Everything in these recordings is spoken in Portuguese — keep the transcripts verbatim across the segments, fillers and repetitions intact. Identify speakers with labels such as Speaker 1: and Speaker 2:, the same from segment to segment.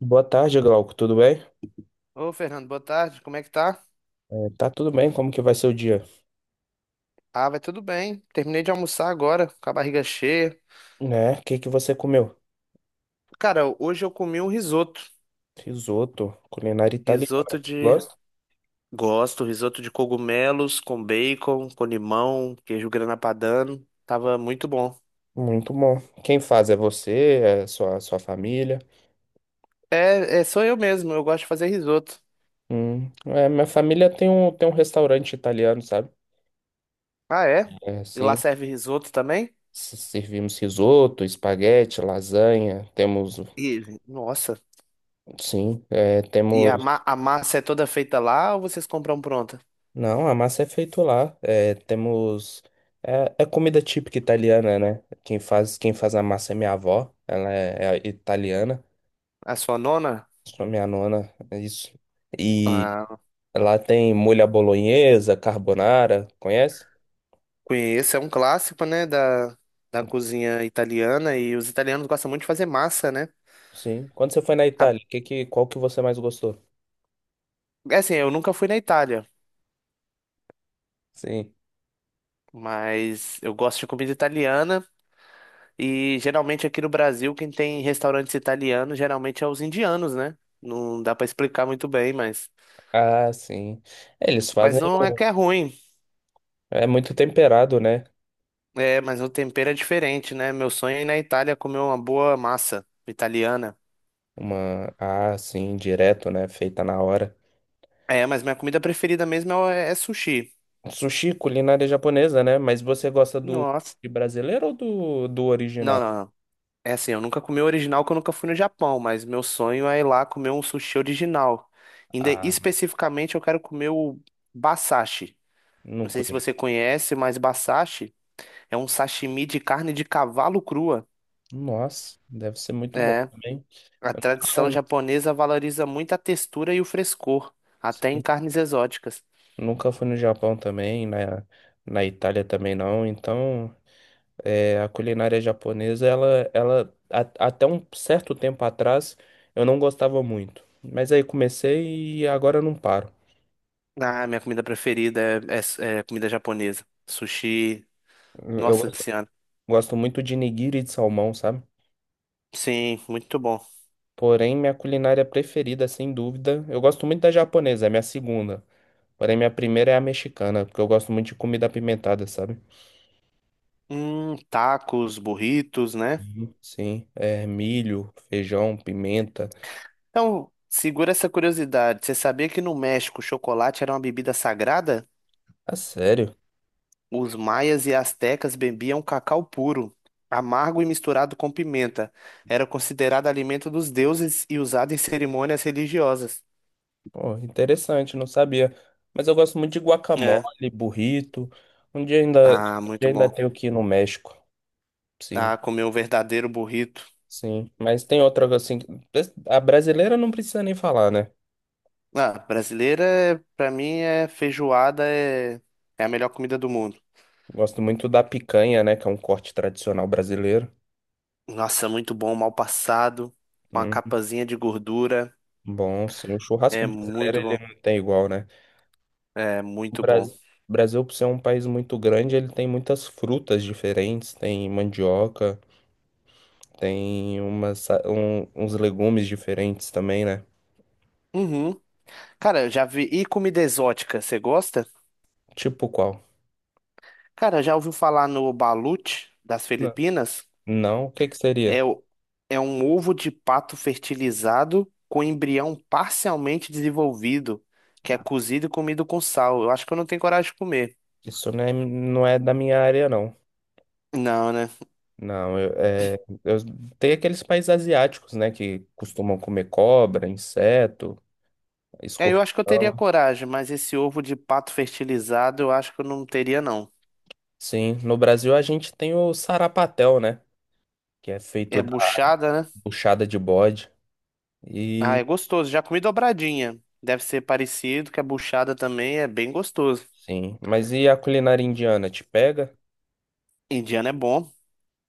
Speaker 1: Boa tarde, Glauco. Tudo bem?
Speaker 2: Ô, Fernando, boa tarde. Como é que tá?
Speaker 1: É, tá tudo bem? Como que vai ser o dia?
Speaker 2: Ah, vai tudo bem. Terminei de almoçar agora, com a barriga cheia.
Speaker 1: Né? O que que você comeu?
Speaker 2: Cara, hoje eu comi um risoto.
Speaker 1: Risoto, culinária italiana.
Speaker 2: Risoto
Speaker 1: Você
Speaker 2: de.
Speaker 1: gosta?
Speaker 2: Gosto, risoto de cogumelos com bacon, com limão, queijo grana padano. Tava muito bom.
Speaker 1: Muito bom. Quem faz é você, é sua, sua família.
Speaker 2: É, é, sou eu mesmo, eu gosto de fazer risoto.
Speaker 1: Hum, é, minha família tem um, tem um restaurante italiano, sabe?
Speaker 2: Ah, é?
Speaker 1: É,
Speaker 2: E lá
Speaker 1: sim.
Speaker 2: serve risoto também?
Speaker 1: S- Servimos risoto, espaguete, lasanha. Temos,
Speaker 2: E, nossa.
Speaker 1: sim, é,
Speaker 2: E a,
Speaker 1: temos.
Speaker 2: ma- a massa é toda feita lá ou vocês compram pronta?
Speaker 1: Não, a massa é feito lá. É, temos. É, é comida típica italiana, né? Quem faz, quem faz a massa é minha avó. Ela é, é italiana.
Speaker 2: A sua nona?
Speaker 1: Sou minha nona, é isso. E
Speaker 2: Ah,
Speaker 1: lá tem molho à bolonhesa, carbonara, conhece?
Speaker 2: Conheço, é um clássico, né, da, da cozinha italiana e os italianos gostam muito de fazer massa, né?
Speaker 1: Sim. Quando você foi na
Speaker 2: A-
Speaker 1: Itália, que, que, qual que você mais gostou?
Speaker 2: É assim, eu nunca fui na Itália,
Speaker 1: Sim.
Speaker 2: mas eu gosto de comida italiana e geralmente aqui no Brasil quem tem restaurantes italianos geralmente é os indianos, né? Não dá pra explicar muito bem, mas
Speaker 1: Ah, sim. É, eles
Speaker 2: mas
Speaker 1: fazem.
Speaker 2: não é
Speaker 1: o-
Speaker 2: que é ruim,
Speaker 1: É muito temperado, né?
Speaker 2: é, mas o tempero é diferente, né? Meu sonho é ir na Itália comer uma boa massa italiana.
Speaker 1: Uma. Ah, sim, direto, né? Feita na hora.
Speaker 2: É, mas minha comida preferida mesmo é, é sushi.
Speaker 1: Sushi, culinária japonesa, né? Mas você gosta do
Speaker 2: Nossa.
Speaker 1: de brasileiro ou do, do
Speaker 2: Não,
Speaker 1: original?
Speaker 2: não, não. É assim, eu nunca comi o original porque eu nunca fui no Japão, mas meu sonho é ir lá comer um sushi original. Ainda
Speaker 1: Ah,
Speaker 2: especificamente eu quero comer o basashi.
Speaker 1: não
Speaker 2: Não sei se você
Speaker 1: conheço.
Speaker 2: conhece, mas basashi é um sashimi de carne de cavalo crua.
Speaker 1: Nossa, deve ser muito bom
Speaker 2: É,
Speaker 1: também.
Speaker 2: a
Speaker 1: Eu
Speaker 2: tradição
Speaker 1: nunca,
Speaker 2: japonesa valoriza muito a textura e o frescor, até em
Speaker 1: sim,
Speaker 2: carnes exóticas.
Speaker 1: nunca fui no Japão também, na, na Itália também não. Então, é, a culinária japonesa, ela, ela a- até um certo tempo atrás, eu não gostava muito. Mas aí comecei e agora eu não paro.
Speaker 2: Ah, minha comida preferida é, é- é comida japonesa. Sushi,
Speaker 1: Eu eu
Speaker 2: nossa
Speaker 1: gosto,
Speaker 2: senhora.
Speaker 1: gosto muito de nigiri de salmão, sabe?
Speaker 2: Sim, muito bom.
Speaker 1: Porém, minha culinária preferida, sem dúvida, eu gosto muito da japonesa, é minha segunda. Porém, minha primeira é a mexicana, porque eu gosto muito de comida apimentada, sabe?
Speaker 2: Hum, tacos, burritos, né?
Speaker 1: Uhum. Sim, é milho, feijão, pimenta.
Speaker 2: Então, segura essa curiosidade. Você sabia que no México o chocolate era uma bebida sagrada?
Speaker 1: Ah, sério?
Speaker 2: Os maias e astecas bebiam cacau puro, amargo e misturado com pimenta. Era considerado alimento dos deuses e usado em cerimônias religiosas.
Speaker 1: Pô, interessante, não sabia. Mas eu gosto muito de
Speaker 2: É.
Speaker 1: guacamole, burrito. Um dia ainda, um
Speaker 2: Ah,
Speaker 1: dia
Speaker 2: muito
Speaker 1: ainda
Speaker 2: bom.
Speaker 1: tenho que ir no México. Sim,
Speaker 2: Ah, comer um verdadeiro burrito.
Speaker 1: sim. Mas tem outra assim. A brasileira não precisa nem falar, né?
Speaker 2: Ah, brasileira, é- pra mim, é feijoada, é, é a melhor comida do mundo.
Speaker 1: Gosto muito da picanha, né? Que é um corte tradicional brasileiro.
Speaker 2: Nossa, muito bom, mal passado, com a
Speaker 1: Hum.
Speaker 2: capazinha de gordura.
Speaker 1: Bom, sim, o churrasco
Speaker 2: É
Speaker 1: brasileiro
Speaker 2: muito
Speaker 1: ele
Speaker 2: bom.
Speaker 1: não tem igual, né?
Speaker 2: É
Speaker 1: O
Speaker 2: muito bom.
Speaker 1: Brasil, Brasil, por ser um país muito grande, ele tem muitas frutas diferentes, tem mandioca, tem umas, sa- um- uns legumes diferentes também, né?
Speaker 2: Uhum. Cara, eu já vi. E comida exótica, você gosta?
Speaker 1: Tipo qual?
Speaker 2: Cara, já ouviu falar no balut das
Speaker 1: Não.
Speaker 2: Filipinas?
Speaker 1: Não? O que que seria?
Speaker 2: É, o... é um ovo de pato fertilizado com embrião parcialmente desenvolvido, que é cozido e comido com sal. Eu acho que eu não tenho coragem de comer.
Speaker 1: Isso não é, não é da minha área, não.
Speaker 2: Não, né?
Speaker 1: Não, eu, é, eu, tem aqueles países asiáticos, né, que costumam comer cobra, inseto,
Speaker 2: É, eu acho que eu teria
Speaker 1: escorpião.
Speaker 2: coragem, mas esse ovo de pato fertilizado eu acho que eu não teria, não.
Speaker 1: Sim, no Brasil a gente tem o sarapatel, né? Que é
Speaker 2: É
Speaker 1: feito
Speaker 2: buchada, né?
Speaker 1: puxada de bode.
Speaker 2: Ah,
Speaker 1: E
Speaker 2: é gostoso. Já comi dobradinha. Deve ser parecido, que é buchada também, é bem gostoso.
Speaker 1: sim, mas e a culinária indiana te pega?
Speaker 2: Indiano é bom.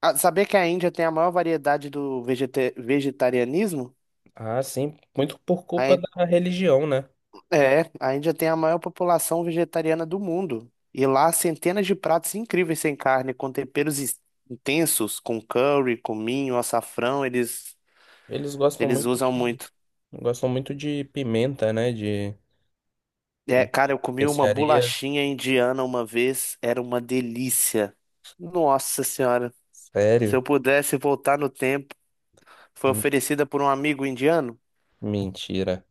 Speaker 2: Ah, Sabia que a Índia tem a maior variedade do vegeta- vegetarianismo?
Speaker 1: Ah, sim, muito por
Speaker 2: A
Speaker 1: culpa
Speaker 2: Ín-
Speaker 1: da religião, né?
Speaker 2: É, a Índia tem a maior população vegetariana do mundo. E lá, há centenas de pratos incríveis sem carne, com temperos is- intensos, com curry, cominho, açafrão, eles,
Speaker 1: Eles gostam
Speaker 2: eles
Speaker 1: muito,
Speaker 2: usam muito.
Speaker 1: gostam muito de pimenta, né? De,
Speaker 2: É,
Speaker 1: de
Speaker 2: cara, eu comi uma
Speaker 1: especiaria.
Speaker 2: bolachinha indiana uma vez, era uma delícia. Nossa Senhora, se
Speaker 1: Sério?
Speaker 2: eu pudesse voltar no tempo, foi
Speaker 1: Me-
Speaker 2: oferecida por um amigo indiano.
Speaker 1: Mentira.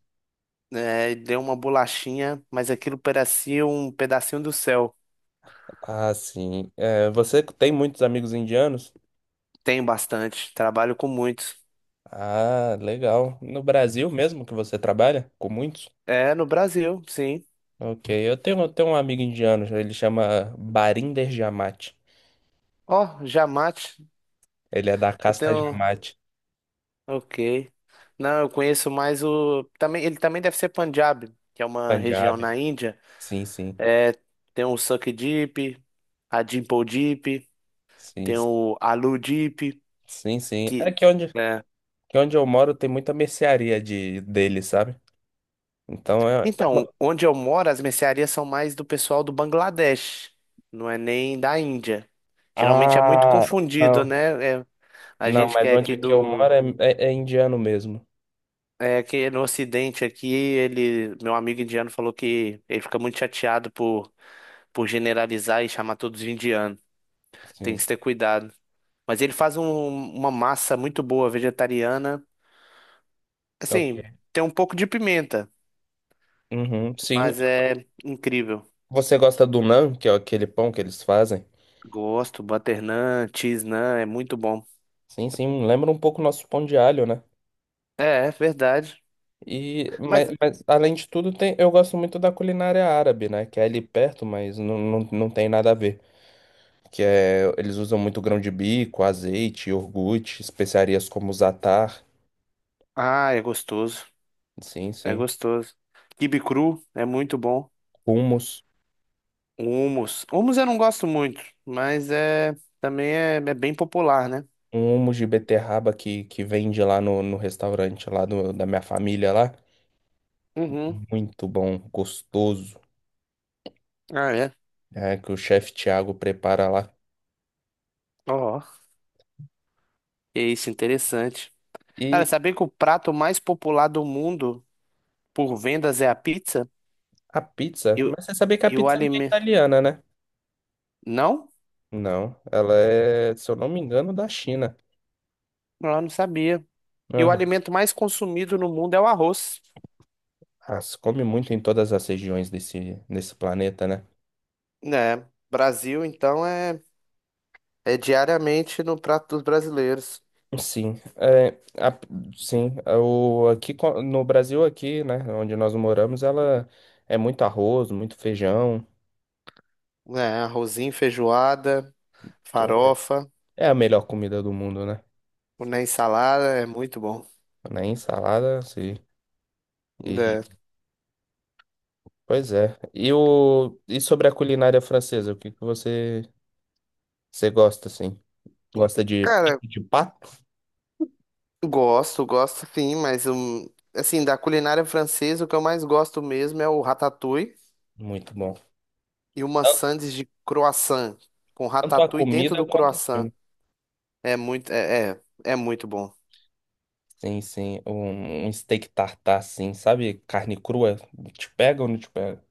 Speaker 2: É, deu uma bolachinha, mas aquilo parecia um pedacinho do céu.
Speaker 1: Ah, sim. É, você tem muitos amigos indianos?
Speaker 2: Tem bastante, trabalho com muitos.
Speaker 1: Ah, legal. No Brasil mesmo que você trabalha? Com muitos?
Speaker 2: É, no Brasil, sim.
Speaker 1: Ok, eu tenho, eu tenho um amigo indiano, ele chama Barinder Jamate.
Speaker 2: Ó, Jamate,
Speaker 1: Ele é da
Speaker 2: eu
Speaker 1: casta
Speaker 2: tenho.
Speaker 1: Jamate,
Speaker 2: Ok. Não, eu conheço mais o. Também, ele também deve ser Punjab, que é uma região
Speaker 1: Punjab.
Speaker 2: na Índia.
Speaker 1: Sim, sim.
Speaker 2: É, tem o Suk Deep, a Dimple Deep,
Speaker 1: Sim,
Speaker 2: tem o Alu Deep.
Speaker 1: sim, sim. É que onde, que onde eu moro tem muita mercearia de, dele, sabe? Então é, é uma.
Speaker 2: Então, onde eu moro, as mercearias são mais do pessoal do Bangladesh, não é nem da Índia. Geralmente é muito
Speaker 1: Ah,
Speaker 2: confundido,
Speaker 1: não.
Speaker 2: né? É, a
Speaker 1: Não,
Speaker 2: gente que
Speaker 1: mas
Speaker 2: é aqui
Speaker 1: onde que eu
Speaker 2: do.
Speaker 1: moro é, é, é indiano mesmo.
Speaker 2: É que no Ocidente aqui, ele, meu amigo indiano falou que ele fica muito chateado por, por generalizar e chamar todos de indiano. Tem
Speaker 1: Sim.
Speaker 2: que ter cuidado. Mas ele faz um- uma massa muito boa, vegetariana.
Speaker 1: Ok.
Speaker 2: Assim, tem um pouco de pimenta,
Speaker 1: Uhum, sim.
Speaker 2: mas é incrível.
Speaker 1: Você gosta do naan, que é aquele pão que eles fazem?
Speaker 2: Gosto, butter naan, cheese naan, é muito bom.
Speaker 1: Sim, sim. Lembra um pouco o nosso pão de alho, né?
Speaker 2: É, é verdade.
Speaker 1: E, mas,
Speaker 2: Mas,
Speaker 1: mas, além de tudo, tem, eu gosto muito da culinária árabe, né? Que é ali perto, mas não, não, não tem nada a ver. Que é, eles usam muito grão de bico, azeite, iogurte, especiarias como zatar,
Speaker 2: ah, é gostoso.
Speaker 1: sim,
Speaker 2: É
Speaker 1: sim,
Speaker 2: gostoso. Quibe cru é muito bom.
Speaker 1: hummus,
Speaker 2: Hummus. Hummus eu não gosto muito, mas é também é, é bem popular, né?
Speaker 1: um hummus de beterraba que, que vende lá no, no restaurante lá do, da minha família lá,
Speaker 2: Uhum.
Speaker 1: muito bom, gostoso,
Speaker 2: Ah, é.
Speaker 1: é, que o chefe Thiago prepara lá.
Speaker 2: Ó, é isso, interessante. Cara,
Speaker 1: E
Speaker 2: saber que o prato mais popular do mundo por vendas é a pizza?
Speaker 1: a pizza,
Speaker 2: E, o-
Speaker 1: mas você sabia que a
Speaker 2: e o
Speaker 1: pizza não é
Speaker 2: alimento.
Speaker 1: italiana, né?
Speaker 2: Não?
Speaker 1: Não, ela é, se eu não me engano, da China.
Speaker 2: Eu não sabia. E o
Speaker 1: Aham.
Speaker 2: alimento mais consumido no mundo é o arroz.
Speaker 1: Ah, se come muito em todas as regiões desse, desse planeta, né?
Speaker 2: Né, Brasil, então, é, é diariamente no prato dos brasileiros.
Speaker 1: Sim, é, a- sim, é, o, aqui co- no Brasil aqui, né, onde nós moramos, ela é muito arroz, muito feijão,
Speaker 2: É, arrozinho, feijoada,
Speaker 1: é
Speaker 2: farofa,
Speaker 1: é a melhor comida do mundo, né?
Speaker 2: na ensalada, é muito bom.
Speaker 1: Nem salada, sim. E
Speaker 2: É.
Speaker 1: pois é. E o e sobre a culinária francesa, o que que você você gosta assim? Gosta de
Speaker 2: Cara,
Speaker 1: peito de pato?
Speaker 2: gosto, gosto sim, mas um, assim, da culinária francesa, o que eu mais gosto mesmo é o ratatouille
Speaker 1: Muito bom.
Speaker 2: e uma
Speaker 1: Tan-
Speaker 2: sandes de croissant, com
Speaker 1: Tanto a
Speaker 2: ratatouille dentro
Speaker 1: comida
Speaker 2: do
Speaker 1: quanto o
Speaker 2: croissant.
Speaker 1: filme.
Speaker 2: É muito, é, é, é muito bom.
Speaker 1: Sim, sim, um, um steak tartar, assim, sabe? Carne crua, te pega ou não te pega?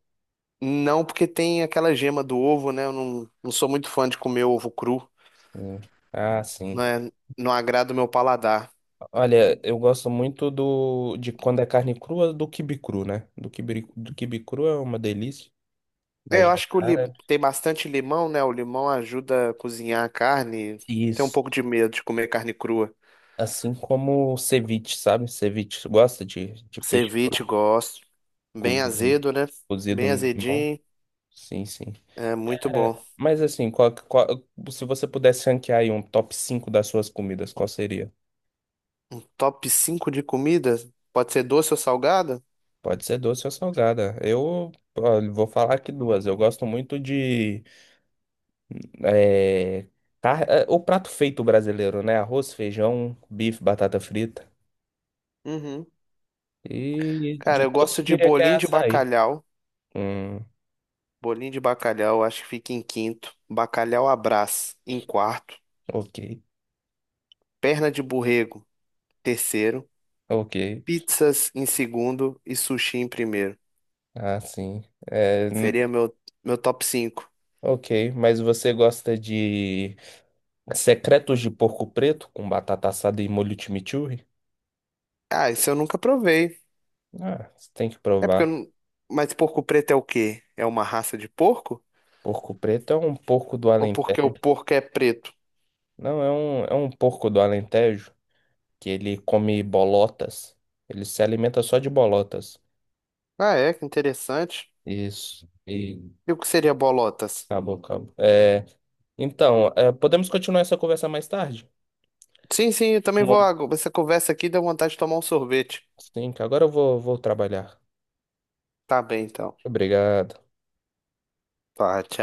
Speaker 2: Não porque tem aquela gema do ovo, né? Eu não, não sou muito fã de comer ovo cru,
Speaker 1: Sim. Ah, sim.
Speaker 2: né? Não agrada o meu paladar.
Speaker 1: Olha, eu gosto muito do de quando é carne crua do quibe cru, né? Do quibe, do quibe cru é uma delícia,
Speaker 2: É,
Speaker 1: mas
Speaker 2: eu
Speaker 1: já
Speaker 2: acho que o
Speaker 1: é
Speaker 2: li...
Speaker 1: árabe.
Speaker 2: tem bastante limão, né? O limão ajuda a cozinhar a carne. Tem um
Speaker 1: Isso.
Speaker 2: pouco de medo de comer carne crua.
Speaker 1: Assim como o ceviche, sabe? Ceviche gosta de, de peixe cru,
Speaker 2: Ceviche, gosto. Bem
Speaker 1: cozido,
Speaker 2: azedo, né?
Speaker 1: cozido
Speaker 2: Bem
Speaker 1: no limão.
Speaker 2: azedinho.
Speaker 1: Sim, sim.
Speaker 2: É muito bom.
Speaker 1: É, mas assim, qual- qual- se você pudesse ranquear aí um top cinco das suas comidas, qual seria?
Speaker 2: Top cinco de comida? Pode ser doce ou salgada?
Speaker 1: Pode ser doce ou salgada. Eu, olha, vou falar aqui duas. Eu gosto muito de é, car- é, o prato feito brasileiro, né? Arroz, feijão, bife, batata frita.
Speaker 2: Uhum.
Speaker 1: E
Speaker 2: Cara,
Speaker 1: de
Speaker 2: eu
Speaker 1: todos
Speaker 2: gosto
Speaker 1: eu
Speaker 2: de
Speaker 1: diria que é
Speaker 2: bolinho de
Speaker 1: açaí.
Speaker 2: bacalhau.
Speaker 1: Hum,
Speaker 2: Bolinho de bacalhau, acho que fica em quinto. Bacalhau à Brás, em quarto.
Speaker 1: ok,
Speaker 2: Perna de borrego, terceiro.
Speaker 1: ok.
Speaker 2: Pizzas em segundo e sushi em primeiro.
Speaker 1: Ah, sim. É, hum,
Speaker 2: Seria meu, meu top cinco
Speaker 1: ok, mas você gosta de secretos de porco preto com batata assada e molho chimichurri?
Speaker 2: Ah, isso eu nunca provei.
Speaker 1: Ah, você tem que
Speaker 2: É porque eu
Speaker 1: provar.
Speaker 2: não... Mas porco preto é o quê? É uma raça de porco?
Speaker 1: Porco preto é um porco do
Speaker 2: Ou porque o
Speaker 1: Alentejo.
Speaker 2: porco é preto?
Speaker 1: Não, é um, é um porco do Alentejo que ele come bolotas. Ele se alimenta só de bolotas.
Speaker 2: Ah, é, que interessante.
Speaker 1: Isso. E
Speaker 2: E o que seria bolotas?
Speaker 1: acabou, acabou. É, então, é, podemos continuar essa conversa mais tarde?
Speaker 2: Sim, sim, eu também vou.
Speaker 1: Mom-
Speaker 2: ag- Essa conversa aqui deu vontade de tomar um sorvete.
Speaker 1: Sim, que agora eu vou, vou trabalhar.
Speaker 2: Tá bem, então.
Speaker 1: Obrigado.
Speaker 2: Tá, tchau.